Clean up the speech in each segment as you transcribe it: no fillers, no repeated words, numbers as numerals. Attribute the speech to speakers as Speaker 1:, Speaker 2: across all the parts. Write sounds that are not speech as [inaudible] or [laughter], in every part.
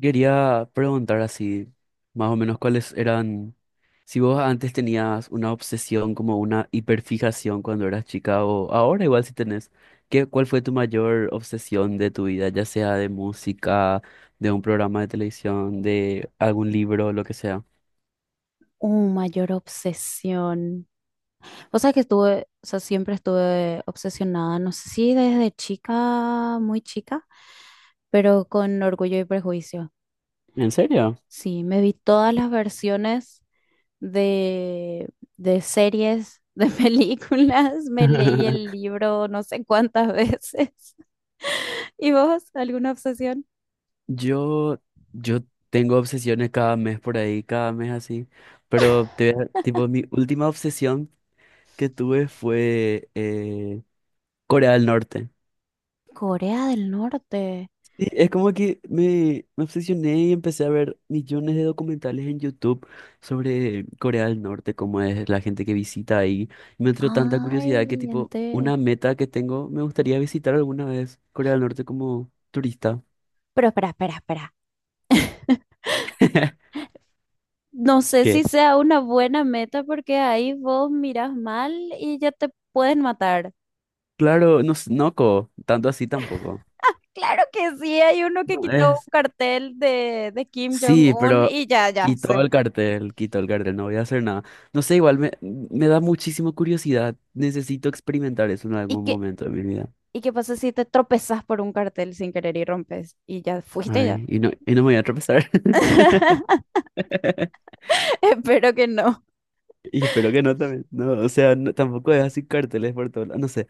Speaker 1: Quería preguntar así, más o menos cuáles eran, si vos antes tenías una obsesión como una hiperfijación cuando eras chica o ahora igual si tenés, ¿qué, cuál fue tu mayor obsesión de tu vida, ya sea de música, de un programa de televisión, de algún libro, lo que sea?
Speaker 2: Mayor obsesión. O sea que estuve, o sea, siempre estuve obsesionada, no sé si desde chica, muy chica, pero con Orgullo y Prejuicio.
Speaker 1: ¿En serio?
Speaker 2: Sí, me vi todas las versiones de, de series, de [laughs] películas, me leí el
Speaker 1: [laughs]
Speaker 2: libro no sé cuántas veces. [laughs] ¿Y vos, alguna obsesión?
Speaker 1: Yo, yo tengo obsesiones cada mes por ahí, cada mes así, pero tipo mi última obsesión que tuve fue Corea del Norte.
Speaker 2: Corea del Norte.
Speaker 1: Sí, es como que me obsesioné y empecé a ver millones de documentales en YouTube sobre Corea del Norte, cómo es la gente que visita ahí. Y me entró tanta curiosidad que
Speaker 2: Ay,
Speaker 1: tipo,
Speaker 2: ente-
Speaker 1: una meta que tengo, me gustaría visitar alguna vez Corea del Norte como turista.
Speaker 2: Pero espera, espera, espera.
Speaker 1: [laughs]
Speaker 2: No sé si
Speaker 1: ¿Qué?
Speaker 2: sea una buena meta porque ahí vos miras mal y ya te pueden matar.
Speaker 1: Claro, no, no, co, tanto así tampoco.
Speaker 2: Claro que sí, hay uno que
Speaker 1: No,
Speaker 2: quitó un
Speaker 1: es
Speaker 2: cartel de Kim
Speaker 1: Sí,
Speaker 2: Jong-un
Speaker 1: pero
Speaker 2: y ya, ya se...
Speaker 1: quitó el cartel, no voy a hacer nada. No sé, igual me da muchísima curiosidad. Necesito experimentar eso en
Speaker 2: ¿Y
Speaker 1: algún
Speaker 2: qué,
Speaker 1: momento de mi vida.
Speaker 2: y qué pasa si te tropezas por un cartel sin querer y rompes? Y ya fuiste ya.
Speaker 1: Ay, y no me voy a tropezar.
Speaker 2: [laughs]
Speaker 1: [laughs]
Speaker 2: Espero que no.
Speaker 1: Y espero que no también. No, o sea, tampoco es así carteles por todo. Lados. No sé,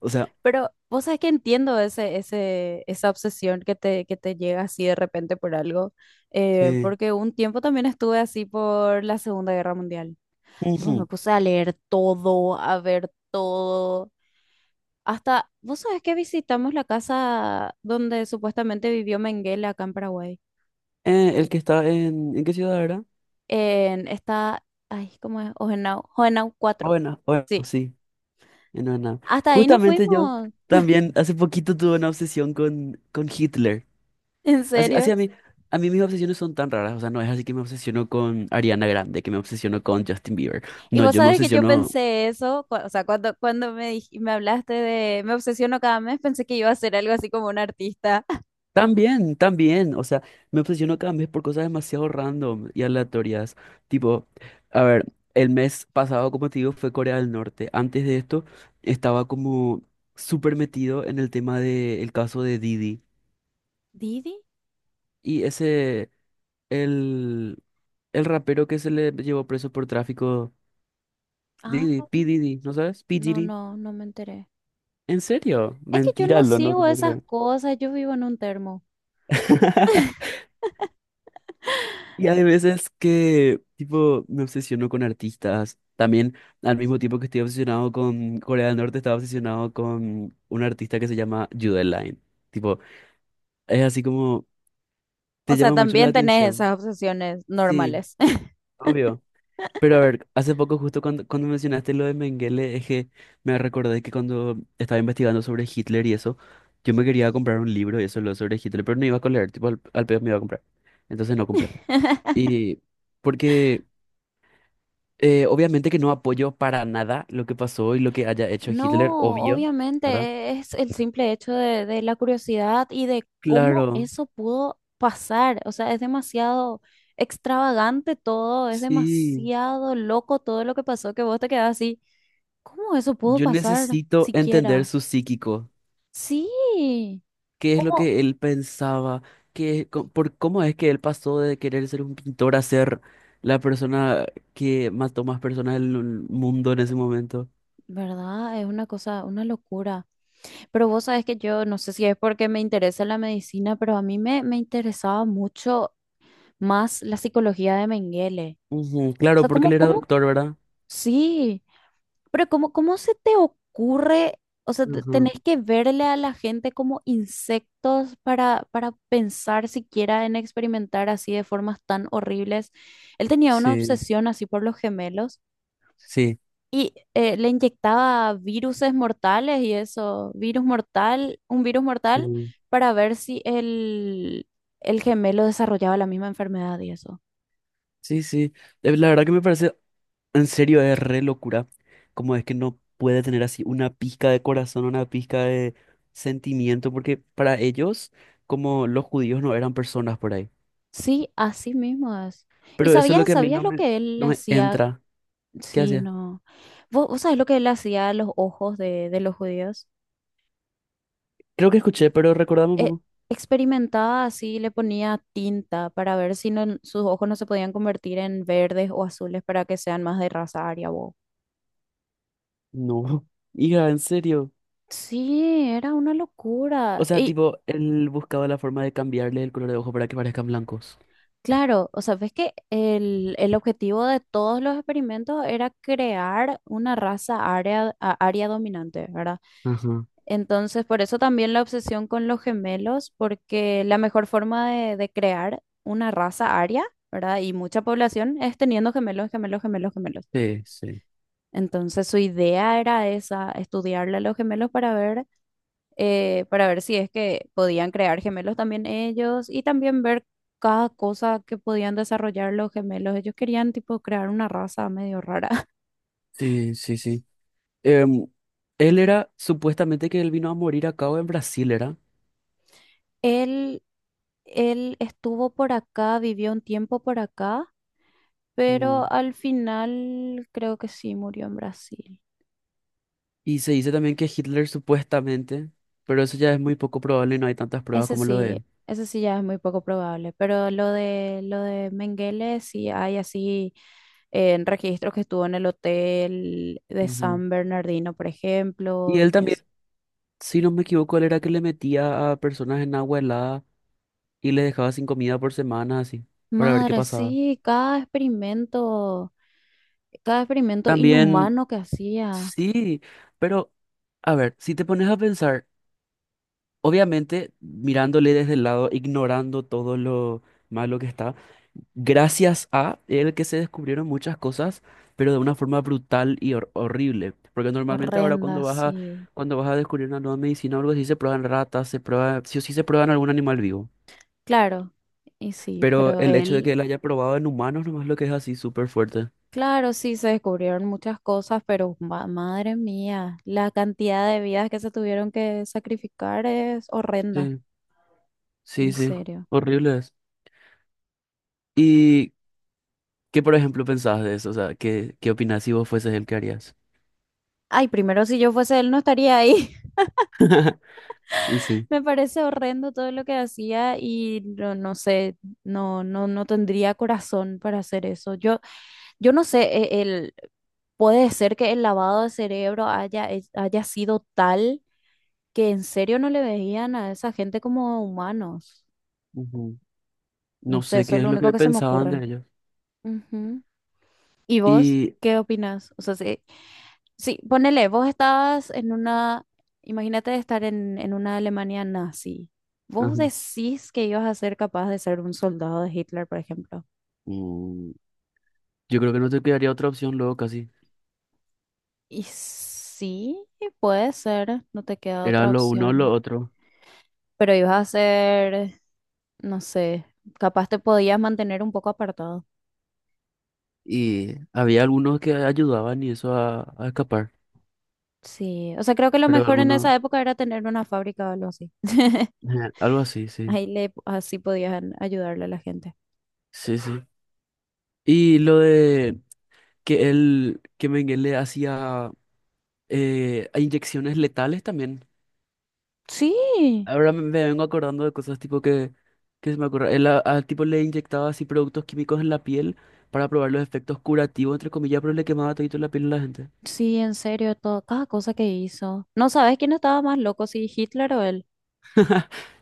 Speaker 1: o sea,
Speaker 2: Pero vos sabés que entiendo esa obsesión que te llega así de repente por algo,
Speaker 1: sí.
Speaker 2: porque un tiempo también estuve así por la Segunda Guerra Mundial. Tipo, me
Speaker 1: Ujú.
Speaker 2: puse a leer todo, a ver todo. Hasta, vos sabés que visitamos la casa donde supuestamente vivió Mengele acá en Paraguay.
Speaker 1: El que está ¿en qué ciudad era?
Speaker 2: En esta, ay, ¿cómo es? Ojenau, Ojenau cuatro.
Speaker 1: Bueno, bueno,
Speaker 2: Sí.
Speaker 1: sí, en Ana.
Speaker 2: Hasta ahí nos
Speaker 1: Justamente yo
Speaker 2: fuimos.
Speaker 1: también hace poquito tuve una obsesión con Hitler.
Speaker 2: [laughs] En
Speaker 1: Así,
Speaker 2: serio.
Speaker 1: a mí mis obsesiones son tan raras, o sea, no es así que me obsesiono con Ariana Grande, que me obsesiono con Justin Bieber.
Speaker 2: Y
Speaker 1: No,
Speaker 2: vos
Speaker 1: yo me
Speaker 2: sabés que yo
Speaker 1: obsesiono
Speaker 2: pensé eso, o sea, cuando me hablaste de: me obsesiono cada mes, pensé que iba a ser algo así como un artista. [laughs]
Speaker 1: también, también, o sea, me obsesiono cada mes por cosas demasiado random y aleatorias. Tipo, a ver, el mes pasado, como te digo, fue Corea del Norte. Antes de esto, estaba como súper metido en el tema del caso de Didi.
Speaker 2: ¿Didi?
Speaker 1: Y ese, el, el rapero que se le llevó preso por tráfico,
Speaker 2: Ah,
Speaker 1: Didi, P.
Speaker 2: no.
Speaker 1: Didi, ¿no sabes? P.
Speaker 2: No,
Speaker 1: Diddy.
Speaker 2: no, no me enteré.
Speaker 1: ¿En serio?
Speaker 2: Es que yo
Speaker 1: Mentira,
Speaker 2: no
Speaker 1: lo no te
Speaker 2: sigo
Speaker 1: puedo
Speaker 2: esas
Speaker 1: creer.
Speaker 2: cosas, yo vivo en un termo.
Speaker 1: [laughs] Y hay veces que, tipo, me obsesiono con artistas. También, al mismo tiempo que estoy obsesionado con Corea del Norte, estaba obsesionado con un artista que se llama Jude Line. Tipo, es así como,
Speaker 2: O
Speaker 1: te
Speaker 2: sea,
Speaker 1: llama mucho la
Speaker 2: también tenés
Speaker 1: atención.
Speaker 2: esas obsesiones
Speaker 1: Sí,
Speaker 2: normales. [laughs]
Speaker 1: obvio. Pero a ver, hace poco justo cuando mencionaste lo de Mengele, es que me recordé que cuando estaba investigando sobre Hitler y eso, yo me quería comprar un libro y eso lo sobre Hitler, pero no iba a leer, tipo al pedo me iba a comprar. Entonces no compré. Y porque obviamente que no apoyo para nada lo que pasó y lo que haya hecho Hitler,
Speaker 2: No,
Speaker 1: obvio, ¿verdad?
Speaker 2: obviamente es el simple hecho de la curiosidad y de cómo
Speaker 1: Claro,
Speaker 2: eso pudo pasar. O sea, es demasiado extravagante todo, es
Speaker 1: sí.
Speaker 2: demasiado loco todo lo que pasó que vos te quedás así. ¿Cómo eso pudo
Speaker 1: Yo
Speaker 2: pasar
Speaker 1: necesito entender
Speaker 2: siquiera?
Speaker 1: su psíquico.
Speaker 2: Sí,
Speaker 1: Qué es lo
Speaker 2: ¿cómo?
Speaker 1: que él pensaba, cómo es que él pasó de querer ser un pintor a ser la persona que mató más personas del mundo en ese momento.
Speaker 2: ¿Verdad? Es una cosa, una locura. Pero vos sabés que yo, no sé si es porque me interesa la medicina, pero me interesaba mucho más la psicología de Mengele.
Speaker 1: Ujú,
Speaker 2: O
Speaker 1: claro,
Speaker 2: sea,
Speaker 1: porque
Speaker 2: ¿cómo,
Speaker 1: él era
Speaker 2: cómo?
Speaker 1: doctor, ¿verdad?
Speaker 2: Sí, pero ¿cómo, cómo se te ocurre? O sea,
Speaker 1: Ujú.
Speaker 2: tenés que verle a la gente como insectos para pensar siquiera en experimentar así de formas tan horribles. Él tenía una
Speaker 1: Sí,
Speaker 2: obsesión así por los gemelos.
Speaker 1: sí,
Speaker 2: Y le inyectaba viruses mortales y eso, virus mortal, un virus mortal
Speaker 1: sí,
Speaker 2: para ver si el gemelo desarrollaba la misma enfermedad y eso.
Speaker 1: sí, sí. La verdad que me parece, en serio, es re locura. Como es que no puede tener así una pizca de corazón, una pizca de sentimiento, porque para ellos, como los judíos no eran personas por ahí.
Speaker 2: Sí, así mismo es.
Speaker 1: Pero eso es lo que a mí
Speaker 2: ¿Sabías
Speaker 1: no
Speaker 2: lo que él le
Speaker 1: no me
Speaker 2: hacía?
Speaker 1: entra. ¿Qué
Speaker 2: Sí,
Speaker 1: hacía?
Speaker 2: no. ¿Vos sabés lo que él le hacía a los ojos de los judíos?
Speaker 1: Creo que escuché, pero recordame un
Speaker 2: Eh,
Speaker 1: poco.
Speaker 2: Experimentaba así, le ponía tinta para ver sus ojos no se podían convertir en verdes o azules para que sean más de raza aria.
Speaker 1: No. [laughs] Hija, en serio.
Speaker 2: Sí, era una
Speaker 1: O
Speaker 2: locura.
Speaker 1: sea,
Speaker 2: Y
Speaker 1: tipo, él buscaba la forma de cambiarle el color de ojo para que parezcan blancos.
Speaker 2: claro, o sea, ves que el objetivo de todos los experimentos era crear una raza área, área dominante, ¿verdad?
Speaker 1: Ajá.
Speaker 2: Entonces, por eso también la obsesión con los gemelos, porque la mejor forma de crear una raza área, ¿verdad? Y mucha población es teniendo gemelos, gemelos, gemelos, gemelos.
Speaker 1: Sí, sí,
Speaker 2: Entonces, su idea era esa, estudiarle a los gemelos para ver si es que podían crear gemelos también ellos y también ver cada cosa que podían desarrollar los gemelos. Ellos querían tipo crear una raza medio rara. [laughs]
Speaker 1: sí, sí, sí. Em, él era, supuestamente que él vino a morir acá o en Brasil, ¿era?
Speaker 2: Él, él estuvo por acá, vivió un tiempo por acá,
Speaker 1: Mm.
Speaker 2: pero al final creo que sí murió en Brasil.
Speaker 1: Y se dice también que Hitler supuestamente, pero eso ya es muy poco probable y no hay tantas pruebas
Speaker 2: Ese
Speaker 1: como lo de
Speaker 2: sí.
Speaker 1: él.
Speaker 2: Ese sí ya es muy poco probable, pero lo de Mengele sí hay así en registros que estuvo en el hotel de
Speaker 1: Ujú.
Speaker 2: San Bernardino, por
Speaker 1: Y
Speaker 2: ejemplo,
Speaker 1: él
Speaker 2: y
Speaker 1: también,
Speaker 2: así.
Speaker 1: si no me equivoco, él era que le metía a personas en agua helada y les dejaba sin comida por semanas así, para ver qué
Speaker 2: Madre,
Speaker 1: pasaba.
Speaker 2: sí, cada experimento
Speaker 1: También,
Speaker 2: inhumano que hacía,
Speaker 1: sí, pero a ver, si te pones a pensar, obviamente mirándole desde el lado, ignorando todo lo malo que está, gracias a él que se descubrieron muchas cosas, pero de una forma brutal y horrible. Porque normalmente ahora
Speaker 2: horrenda, sí.
Speaker 1: cuando vas a descubrir una nueva medicina o algo así, se prueban ratas, se prueba, sí o sí se prueban algún animal vivo.
Speaker 2: Claro, y sí,
Speaker 1: Pero
Speaker 2: pero
Speaker 1: el hecho de que
Speaker 2: él,
Speaker 1: él haya probado en humanos nomás lo que es así súper fuerte.
Speaker 2: claro, sí, se descubrieron muchas cosas, pero madre mía, la cantidad de vidas que se tuvieron que sacrificar es horrenda,
Speaker 1: Sí, sí,
Speaker 2: en
Speaker 1: sí,
Speaker 2: serio.
Speaker 1: horrible es. Y ¿qué, por ejemplo, pensabas de eso? O sea, ¿qué, qué opinás si vos fueses el que harías?
Speaker 2: Ay, primero si yo fuese él no estaría ahí.
Speaker 1: [laughs] Y sí.
Speaker 2: Me parece horrendo todo lo que hacía y no, no sé, no, no, no tendría corazón para hacer eso. Yo no sé, puede ser que el lavado de cerebro haya sido tal que en serio no le veían a esa gente como humanos.
Speaker 1: Ujú.
Speaker 2: No
Speaker 1: No
Speaker 2: sé,
Speaker 1: sé
Speaker 2: eso
Speaker 1: qué
Speaker 2: es
Speaker 1: es
Speaker 2: lo
Speaker 1: lo
Speaker 2: único
Speaker 1: que
Speaker 2: que se me
Speaker 1: pensaban de
Speaker 2: ocurre.
Speaker 1: ellos.
Speaker 2: Ujú. ¿Y vos
Speaker 1: Y
Speaker 2: qué opinas? O sea, sí, sí, ponele, vos estabas en una, imagínate estar en una Alemania nazi. ¿Vos
Speaker 1: ajá.
Speaker 2: decís que ibas a ser capaz de ser un soldado de Hitler, por ejemplo?
Speaker 1: Mm, yo creo que no te quedaría otra opción luego casi.
Speaker 2: Y sí, puede ser, no te queda
Speaker 1: Era
Speaker 2: otra
Speaker 1: lo uno o lo
Speaker 2: opción.
Speaker 1: otro.
Speaker 2: Pero ibas a ser, no sé, capaz te podías mantener un poco apartado.
Speaker 1: Y había algunos que ayudaban y eso a escapar.
Speaker 2: Sí, o sea, creo que lo
Speaker 1: Pero
Speaker 2: mejor en
Speaker 1: algunos,
Speaker 2: esa época era tener una fábrica o algo así. [laughs]
Speaker 1: ajá, algo así, sí.
Speaker 2: Ahí le, así podías ayudarle a la gente.
Speaker 1: Sí, sí. Y lo de que él, que Mengele hacía inyecciones letales también.
Speaker 2: Sí,
Speaker 1: Ahora me vengo acordando de cosas tipo que se me ocurre. Él al tipo le inyectaba así productos químicos en la piel para probar los efectos curativos, entre comillas, pero le quemaba todito la piel a la gente.
Speaker 2: sí, en serio, todo, cada cosa que hizo. ¿No sabes quién estaba más loco, si Hitler o él?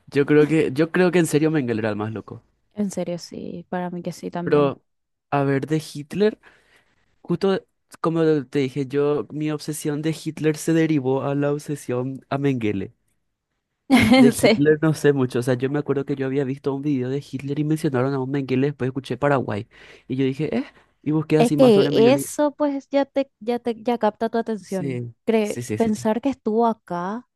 Speaker 1: Yo creo que en serio Mengele era el más loco.
Speaker 2: En serio, sí, para mí que sí también.
Speaker 1: Pero, a ver, de Hitler, justo como te dije, yo, mi obsesión de Hitler se derivó a la obsesión a Mengele. De
Speaker 2: [laughs] Sí.
Speaker 1: Hitler no sé mucho, o sea, yo me acuerdo que yo había visto un video de Hitler y mencionaron a un Mengele, después escuché Paraguay. Y yo dije, y busqué
Speaker 2: Es
Speaker 1: así más sobre
Speaker 2: que
Speaker 1: Mengele.
Speaker 2: eso pues ya te, ya te, ya capta tu atención.
Speaker 1: Sí, sí, sí, sí.
Speaker 2: Pensar que estuvo acá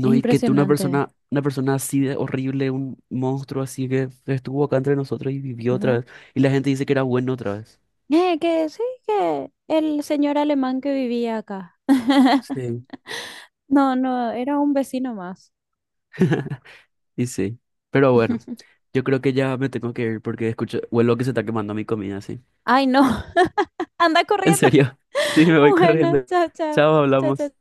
Speaker 2: es
Speaker 1: y que tú
Speaker 2: impresionante.
Speaker 1: una persona así de horrible, un monstruo así que estuvo acá entre nosotros y vivió otra
Speaker 2: ¿Ver?
Speaker 1: vez. Y la gente dice que era bueno otra vez.
Speaker 2: Que sí, que el señor alemán que vivía acá. [laughs]
Speaker 1: Sí.
Speaker 2: No, no, era un vecino más.
Speaker 1: [laughs] Y sí. Pero bueno,
Speaker 2: [laughs]
Speaker 1: yo creo que ya me tengo que ir porque escucho, huelo que se está quemando mi comida, sí.
Speaker 2: Ay, no, [laughs] anda
Speaker 1: En
Speaker 2: corriendo.
Speaker 1: serio. [laughs] Sí,
Speaker 2: [laughs]
Speaker 1: me voy
Speaker 2: Bueno,
Speaker 1: corriendo.
Speaker 2: chao, chao.
Speaker 1: Chao, hablamos.